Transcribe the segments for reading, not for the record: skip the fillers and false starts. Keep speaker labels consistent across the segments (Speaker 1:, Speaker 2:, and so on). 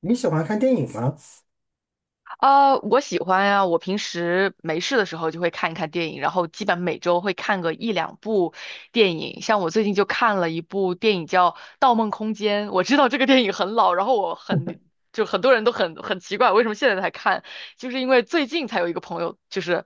Speaker 1: 你喜欢看电影吗？
Speaker 2: 啊，我喜欢呀、我平时没事的时候就会看一看电影，然后基本每周会看个一两部电影。像我最近就看了一部电影叫《盗梦空间》，我知道这个电影很老，然后就很多人都很奇怪为什么现在才看，就是因为最近才有一个朋友就是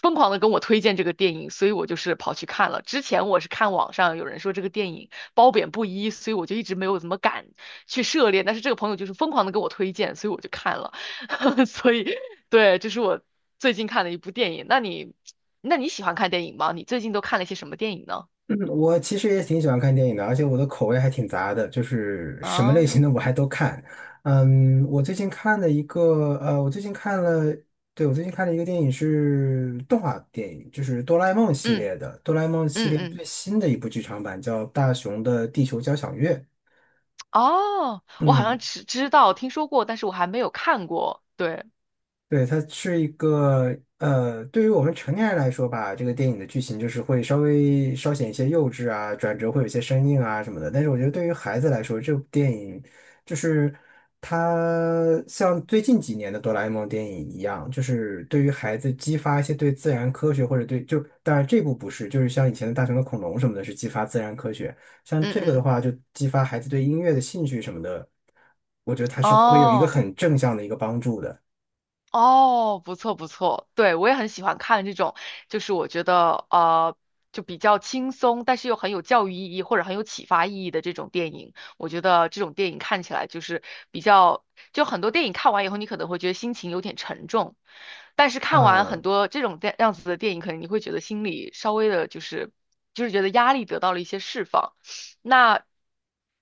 Speaker 2: 疯狂的跟我推荐这个电影，所以我就是跑去看了。之前我是看网上有人说这个电影褒贬不一，所以我就一直没有怎么敢去涉猎。但是这个朋友就是疯狂的跟我推荐，所以我就看了。所以对，这是我最近看的一部电影。那你喜欢看电影吗？你最近都看了些什么电影呢？
Speaker 1: 嗯，我其实也挺喜欢看电影的，而且我的口味还挺杂的，就是什么类型
Speaker 2: 啊，
Speaker 1: 的我还都看。嗯，我最近看了一个，呃，我最近看了，对，我最近看了一个电影是动画电影，就是哆啦 A 梦系
Speaker 2: 嗯
Speaker 1: 列的，哆啦 A 梦系
Speaker 2: 嗯
Speaker 1: 列
Speaker 2: 嗯，
Speaker 1: 最新的一部剧场版叫《大雄的地球交响乐》。
Speaker 2: 哦，我好
Speaker 1: 嗯。
Speaker 2: 像知道听说过，但是我还没有看过。对，
Speaker 1: 对，它是一个呃，对于我们成年人来说吧，这个电影的剧情就是会稍显一些幼稚啊，转折会有一些生硬啊什么的。但是我觉得对于孩子来说，这部电影就是它像最近几年的哆啦 A 梦电影一样，就是对于孩子激发一些对自然科学或者对就当然这部不是，就是像以前的大雄的恐龙什么的，是激发自然科学。像
Speaker 2: 嗯
Speaker 1: 这个的
Speaker 2: 嗯，
Speaker 1: 话，就激发孩子对音乐的兴趣什么的，我觉得它是会有一个
Speaker 2: 哦。
Speaker 1: 很正向的一个帮助的。
Speaker 2: 哦，不错不错，对，我也很喜欢看这种，就是我觉得就比较轻松，但是又很有教育意义或者很有启发意义的这种电影。我觉得这种电影看起来就是比较，就很多电影看完以后，你可能会觉得心情有点沉重，但是看完
Speaker 1: 啊，
Speaker 2: 很多这种电样子的电影，可能你会觉得心里稍微的就是，就是觉得压力得到了一些释放。那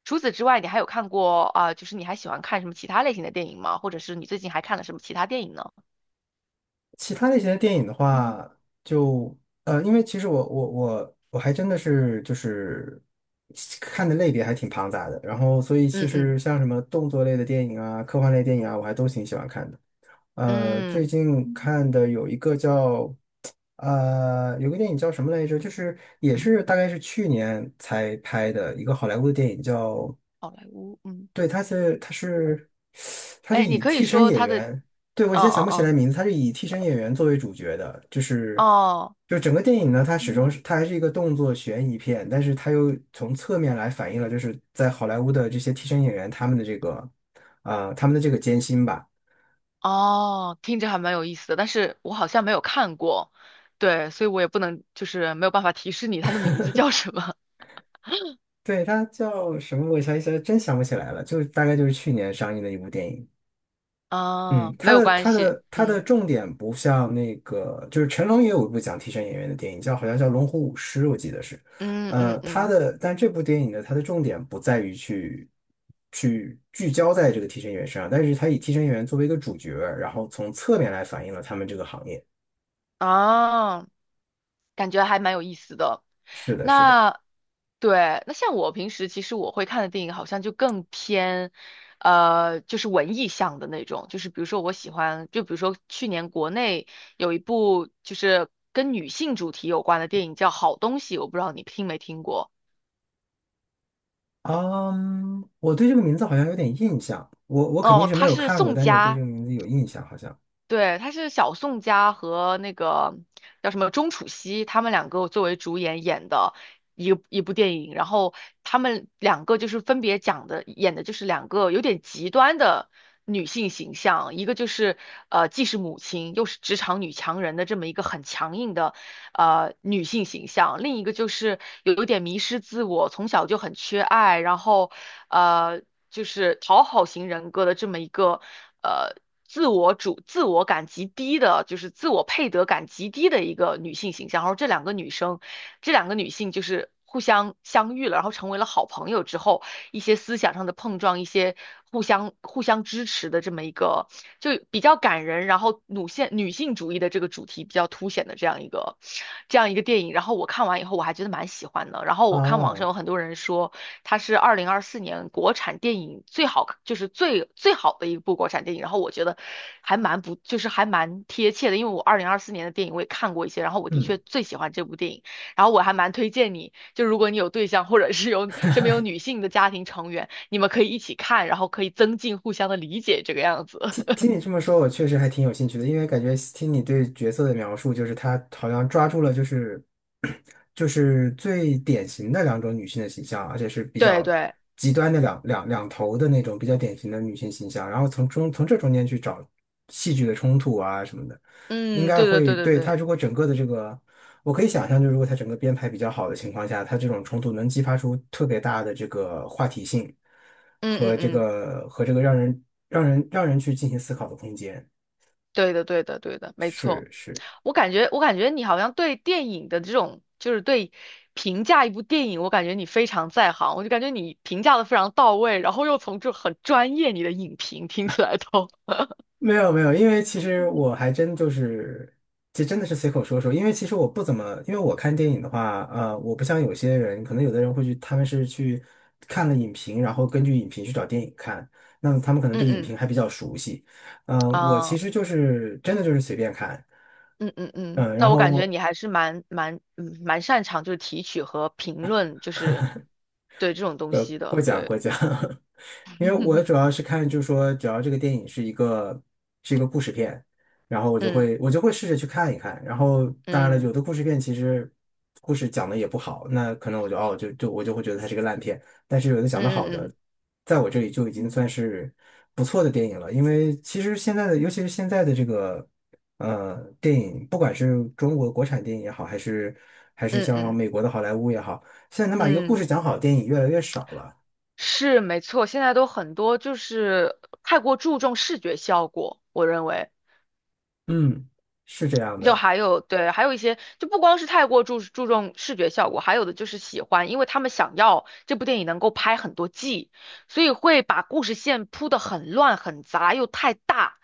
Speaker 2: 除此之外，你还有看过啊，就是你还喜欢看什么其他类型的电影吗？或者是你最近还看了什么其他电影呢？
Speaker 1: 其他类型的电影的话，就因为其实我还真的是就是看的类别还挺庞杂的，然后所以其
Speaker 2: 嗯
Speaker 1: 实
Speaker 2: 嗯
Speaker 1: 像什么动作类的电影啊、科幻类电影啊，我还都挺喜欢看的。呃，最
Speaker 2: 嗯，
Speaker 1: 近看的有一个叫，呃，有个电影叫什么来着？就是也是大概是去年才拍的一个好莱坞的电影叫，
Speaker 2: 好莱坞，嗯，
Speaker 1: 对，他是
Speaker 2: 哎，你
Speaker 1: 以
Speaker 2: 可以
Speaker 1: 替身
Speaker 2: 说
Speaker 1: 演
Speaker 2: 他的，
Speaker 1: 员，对，我
Speaker 2: 哦
Speaker 1: 现在想不起来
Speaker 2: 哦
Speaker 1: 名字，他是以替身演员作为主角的，就
Speaker 2: 哦
Speaker 1: 是
Speaker 2: 哦
Speaker 1: 就整个电影呢，它还是一个动作悬疑片，但是它又从侧面来反映了就是在好莱坞的这些替身演员他们的这个艰辛吧。
Speaker 2: 哦，听着还蛮有意思的，但是我好像没有看过，对，所以我也不能就是没有办法提示你他的名字叫什么。
Speaker 1: 对，它叫什么？我一下一下真想不起来了，就大概就是去年上映的一部电影。嗯，
Speaker 2: 啊，没
Speaker 1: 它
Speaker 2: 有
Speaker 1: 的
Speaker 2: 关
Speaker 1: 它
Speaker 2: 系，
Speaker 1: 的它的
Speaker 2: 嗯
Speaker 1: 重点不像那个，就是成龙也有一部讲替身演员的电影，好像叫《龙虎舞狮》，我记得是。
Speaker 2: 嗯嗯
Speaker 1: 它
Speaker 2: 嗯，
Speaker 1: 的但这部电影呢，它的重点不在于去聚焦在这个替身演员身上，但是它以替身演员作为一个主角，然后从侧面来反映了他们这个行业。
Speaker 2: 啊，感觉还蛮有意思的。
Speaker 1: 是的，是的。
Speaker 2: 那对，那像我平时其实我会看的电影好像就更偏，就是文艺向的那种，就是比如说我喜欢，就比如说去年国内有一部就是跟女性主题有关的电影叫《好东西》，我不知道你听没听过。
Speaker 1: 嗯，我对这个名字好像有点印象，我肯定
Speaker 2: 哦，
Speaker 1: 是没
Speaker 2: 它
Speaker 1: 有
Speaker 2: 是
Speaker 1: 看过，
Speaker 2: 宋
Speaker 1: 但是我对这
Speaker 2: 佳
Speaker 1: 个名字有印象，好像。
Speaker 2: 对，他是小宋佳和那个叫什么钟楚曦，他们两个作为主演演的一部电影，然后他们两个就是分别讲的演的就是两个有点极端的女性形象，一个就是既是母亲又是职场女强人的这么一个很强硬的女性形象，另一个就是有点迷失自我，从小就很缺爱，然后呃就是讨好型人格的这么一个呃自我感极低的，就是自我配得感极低的一个女性形象。然后这两个女性就是，互相相遇了，然后成为了好朋友之后，一些思想上的碰撞，一些互相支持的这么一个，就比较感人，然后女性主义的这个主题比较凸显的这样一个电影。然后我看完以后，我还觉得蛮喜欢的。然后我看网上
Speaker 1: 哦，
Speaker 2: 有很多人说，它是二零二四年国产电影最好，就是最好的一部国产电影。然后我觉得还蛮不，就是还蛮贴切的，因为我二零二四年的电影我也看过一些，然后我的
Speaker 1: 嗯，
Speaker 2: 确最喜欢这部电影。然后我还蛮推荐你，就如果你有对象，或者是有身边有女性的家庭成员，你们可以一起看，然后可以增进互相的理解，这个样子。
Speaker 1: 听 听你这么说，我确实还挺有兴趣的，因为感觉听你对角色的描述，就是他好像抓住了就是 就是最典型的两种女性的形象，而且是比
Speaker 2: 对
Speaker 1: 较
Speaker 2: 对，
Speaker 1: 极端的两头的那种比较典型的女性形象，然后从这中间去找戏剧的冲突啊什么的。应
Speaker 2: 嗯，
Speaker 1: 该
Speaker 2: 对对
Speaker 1: 会
Speaker 2: 对对
Speaker 1: 对
Speaker 2: 对，
Speaker 1: 他，如果整个的这个，我可以想象，就是如果他整个编排比较好的情况下，他这种冲突能激发出特别大的这个话题性
Speaker 2: 嗯嗯
Speaker 1: 和这
Speaker 2: 嗯，
Speaker 1: 个和这个让人去进行思考的空间。
Speaker 2: 对的对的对的，没错。
Speaker 1: 是是。
Speaker 2: 我感觉你好像对电影的这种，就是对评价一部电影，我感觉你非常在行，我就感觉你评价的非常到位，然后又从这很专业你的影评听起来都。
Speaker 1: 没有没有，因为其实我还真就是，这真的是随口说说。因为其实我不怎么，因为我看电影的话，我不像有些人，可能有的人会去，他们是去看了影评，然后根据影评去找电影看，那么他们可 能
Speaker 2: 嗯
Speaker 1: 对影
Speaker 2: 嗯
Speaker 1: 评还比较熟悉。我其
Speaker 2: 啊。
Speaker 1: 实就是真的就是随便看，
Speaker 2: 嗯嗯嗯，
Speaker 1: 嗯、
Speaker 2: 那
Speaker 1: 然
Speaker 2: 我感觉
Speaker 1: 后
Speaker 2: 你还是蛮擅长就是提取和评论，就是对这种东西
Speaker 1: 过
Speaker 2: 的，
Speaker 1: 奖
Speaker 2: 对。
Speaker 1: 过奖，因为我主 要是看，就是说，只要这个电影是一个故事片，然后我就
Speaker 2: 嗯嗯
Speaker 1: 会我就会试着去看一看。然后当然了，
Speaker 2: 嗯
Speaker 1: 有的故事片其实故事讲的也不好，那可能我就哦就就我就会觉得它是个烂片。但是有的讲的好的，
Speaker 2: 嗯
Speaker 1: 在我这里就已经算是不错的电影了。因为其实现在的，尤其是现在的这个电影，不管是中国国产电影也好，还是
Speaker 2: 嗯嗯
Speaker 1: 像
Speaker 2: 嗯
Speaker 1: 美国的好莱坞也好。现在能把一个故
Speaker 2: 嗯，
Speaker 1: 事讲好的电影越来越少了。
Speaker 2: 是没错，现在都很多就是太过注重视觉效果，我认为。
Speaker 1: 嗯，是这样
Speaker 2: 就
Speaker 1: 的，
Speaker 2: 还有对，还有一些就不光是太过注重视觉效果，还有的就是喜欢，因为他们想要这部电影能够拍很多季，所以会把故事线铺得很乱很杂又太大，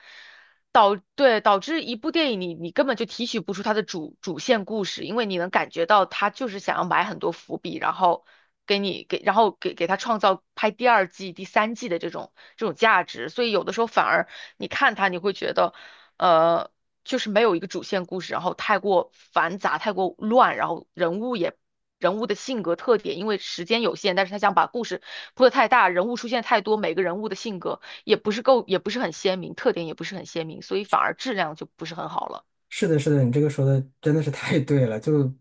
Speaker 2: 导致一部电影你根本就提取不出它的主线故事，因为你能感觉到他就是想要埋很多伏笔，然后给你给然后给他创造拍第二季、第三季的这种价值，所以有的时候反而你看他你会觉得。呃，就是没有一个主线故事，然后太过繁杂、太过乱，然后人物的性格特点，因为时间有限，但是他想把故事铺的太大，人物出现太多，每个人物的性格也不是够，也不是很鲜明，特点也不是很鲜明，所以反而质量就不是很好了。
Speaker 1: 是的，是的，你这个说的真的是太对了。就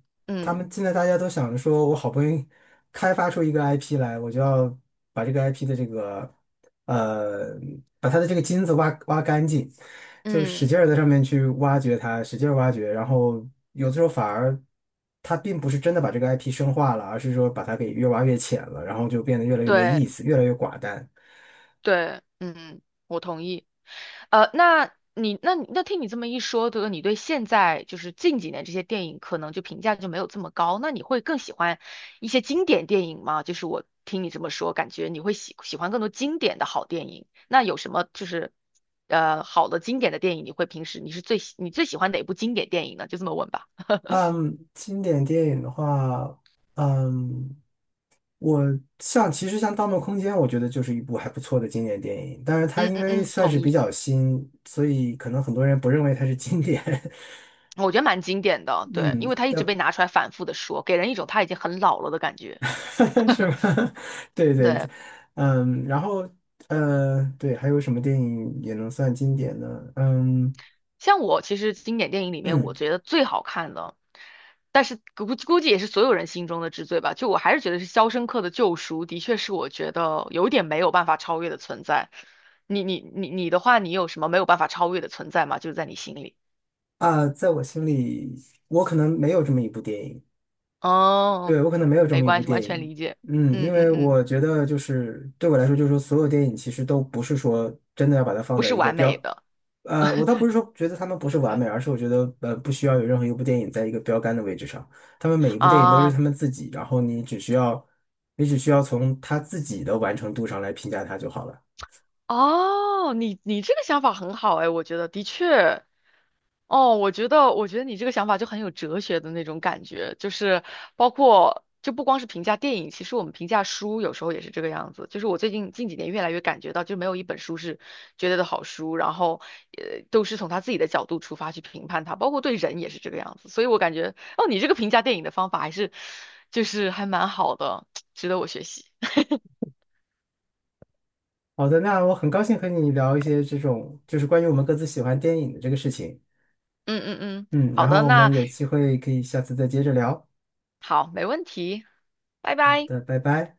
Speaker 1: 他
Speaker 2: 嗯
Speaker 1: 们现在大家都想着说，我好不容易开发出一个 IP 来，我就要把这个 IP 的这个呃，把它的这个金子挖挖干净，就使
Speaker 2: 嗯，
Speaker 1: 劲儿在上面去挖掘它，使劲儿挖掘，然后有的时候反而。它并不是真的把这个 IP 深化了，而是说把它给越挖越浅了，然后就变得越来越没意
Speaker 2: 对。
Speaker 1: 思，越来越寡淡。
Speaker 2: 对，嗯，我同意。那你那你那听你这么一说，就是你对现在就是近几年这些电影可能就评价就没有这么高，那你会更喜欢一些经典电影吗？就是我听你这么说，感觉你会喜欢更多经典的好电影。那有什么就是好的经典的电影，平时你是最喜你最喜欢哪部经典电影呢？就这么问吧。
Speaker 1: 嗯，经典电影的话，嗯，我像其实像《盗梦空间》，我觉得就是一部还不错的经典电影。但是它
Speaker 2: 嗯
Speaker 1: 因
Speaker 2: 嗯
Speaker 1: 为
Speaker 2: 嗯，
Speaker 1: 算
Speaker 2: 同
Speaker 1: 是比
Speaker 2: 意。
Speaker 1: 较新，所以可能很多人不认为它是经典。
Speaker 2: 我觉得蛮经典的，对，因
Speaker 1: 嗯，
Speaker 2: 为他一直被拿出来反复的说，给人一种他已经很老了的感觉。
Speaker 1: 但 是吧？对对，
Speaker 2: 对。
Speaker 1: 然后对，还有什么电影也能算经典呢？嗯
Speaker 2: 像我其实经典电影里面，
Speaker 1: 嗯
Speaker 2: 我觉得最好看的，但是估计也是所有人心中的之最吧。就我还是觉得是《肖申克的救赎》，的确是我觉得有点没有办法超越的存在。你的话，你有什么没有办法超越的存在吗？就是在你心里。
Speaker 1: 啊，在我心里，我可能没有这么一部电影。
Speaker 2: 哦，
Speaker 1: 对，我可能没有这
Speaker 2: 没
Speaker 1: 么一部
Speaker 2: 关系，完
Speaker 1: 电
Speaker 2: 全
Speaker 1: 影，
Speaker 2: 理解。
Speaker 1: 嗯，
Speaker 2: 嗯
Speaker 1: 因
Speaker 2: 嗯
Speaker 1: 为
Speaker 2: 嗯，
Speaker 1: 我觉得就是对我来说，就是说所有电影其实都不是说真的要把它放
Speaker 2: 不
Speaker 1: 在
Speaker 2: 是
Speaker 1: 一个
Speaker 2: 完美
Speaker 1: 标，
Speaker 2: 的
Speaker 1: 我倒不是说觉得他们不是完美，而是我觉得不需要有任何一部电影在一个标杆的位置上，他们每一部电影都是
Speaker 2: 啊。
Speaker 1: 他们自己，然后你只需要从他自己的完成度上来评价他就好了。
Speaker 2: 哦，你这个想法很好哎，我觉得的确。哦，我觉得你这个想法就很有哲学的那种感觉，就是包括就不光是评价电影，其实我们评价书有时候也是这个样子。就是我最近近几年越来越感觉到，就没有一本书是绝对的好书，然后都是从他自己的角度出发去评判它，包括对人也是这个样子。所以我感觉，哦，你这个评价电影的方法还是就是还蛮好的，值得我学习。
Speaker 1: 好的，那我很高兴和你聊一些这种就是关于我们各自喜欢电影的这个事情，
Speaker 2: 嗯嗯嗯，
Speaker 1: 嗯，
Speaker 2: 好
Speaker 1: 然
Speaker 2: 的，
Speaker 1: 后我们
Speaker 2: 那
Speaker 1: 有机会可以下次再接着聊。
Speaker 2: 好，没问题，拜
Speaker 1: 好
Speaker 2: 拜。
Speaker 1: 的，拜拜。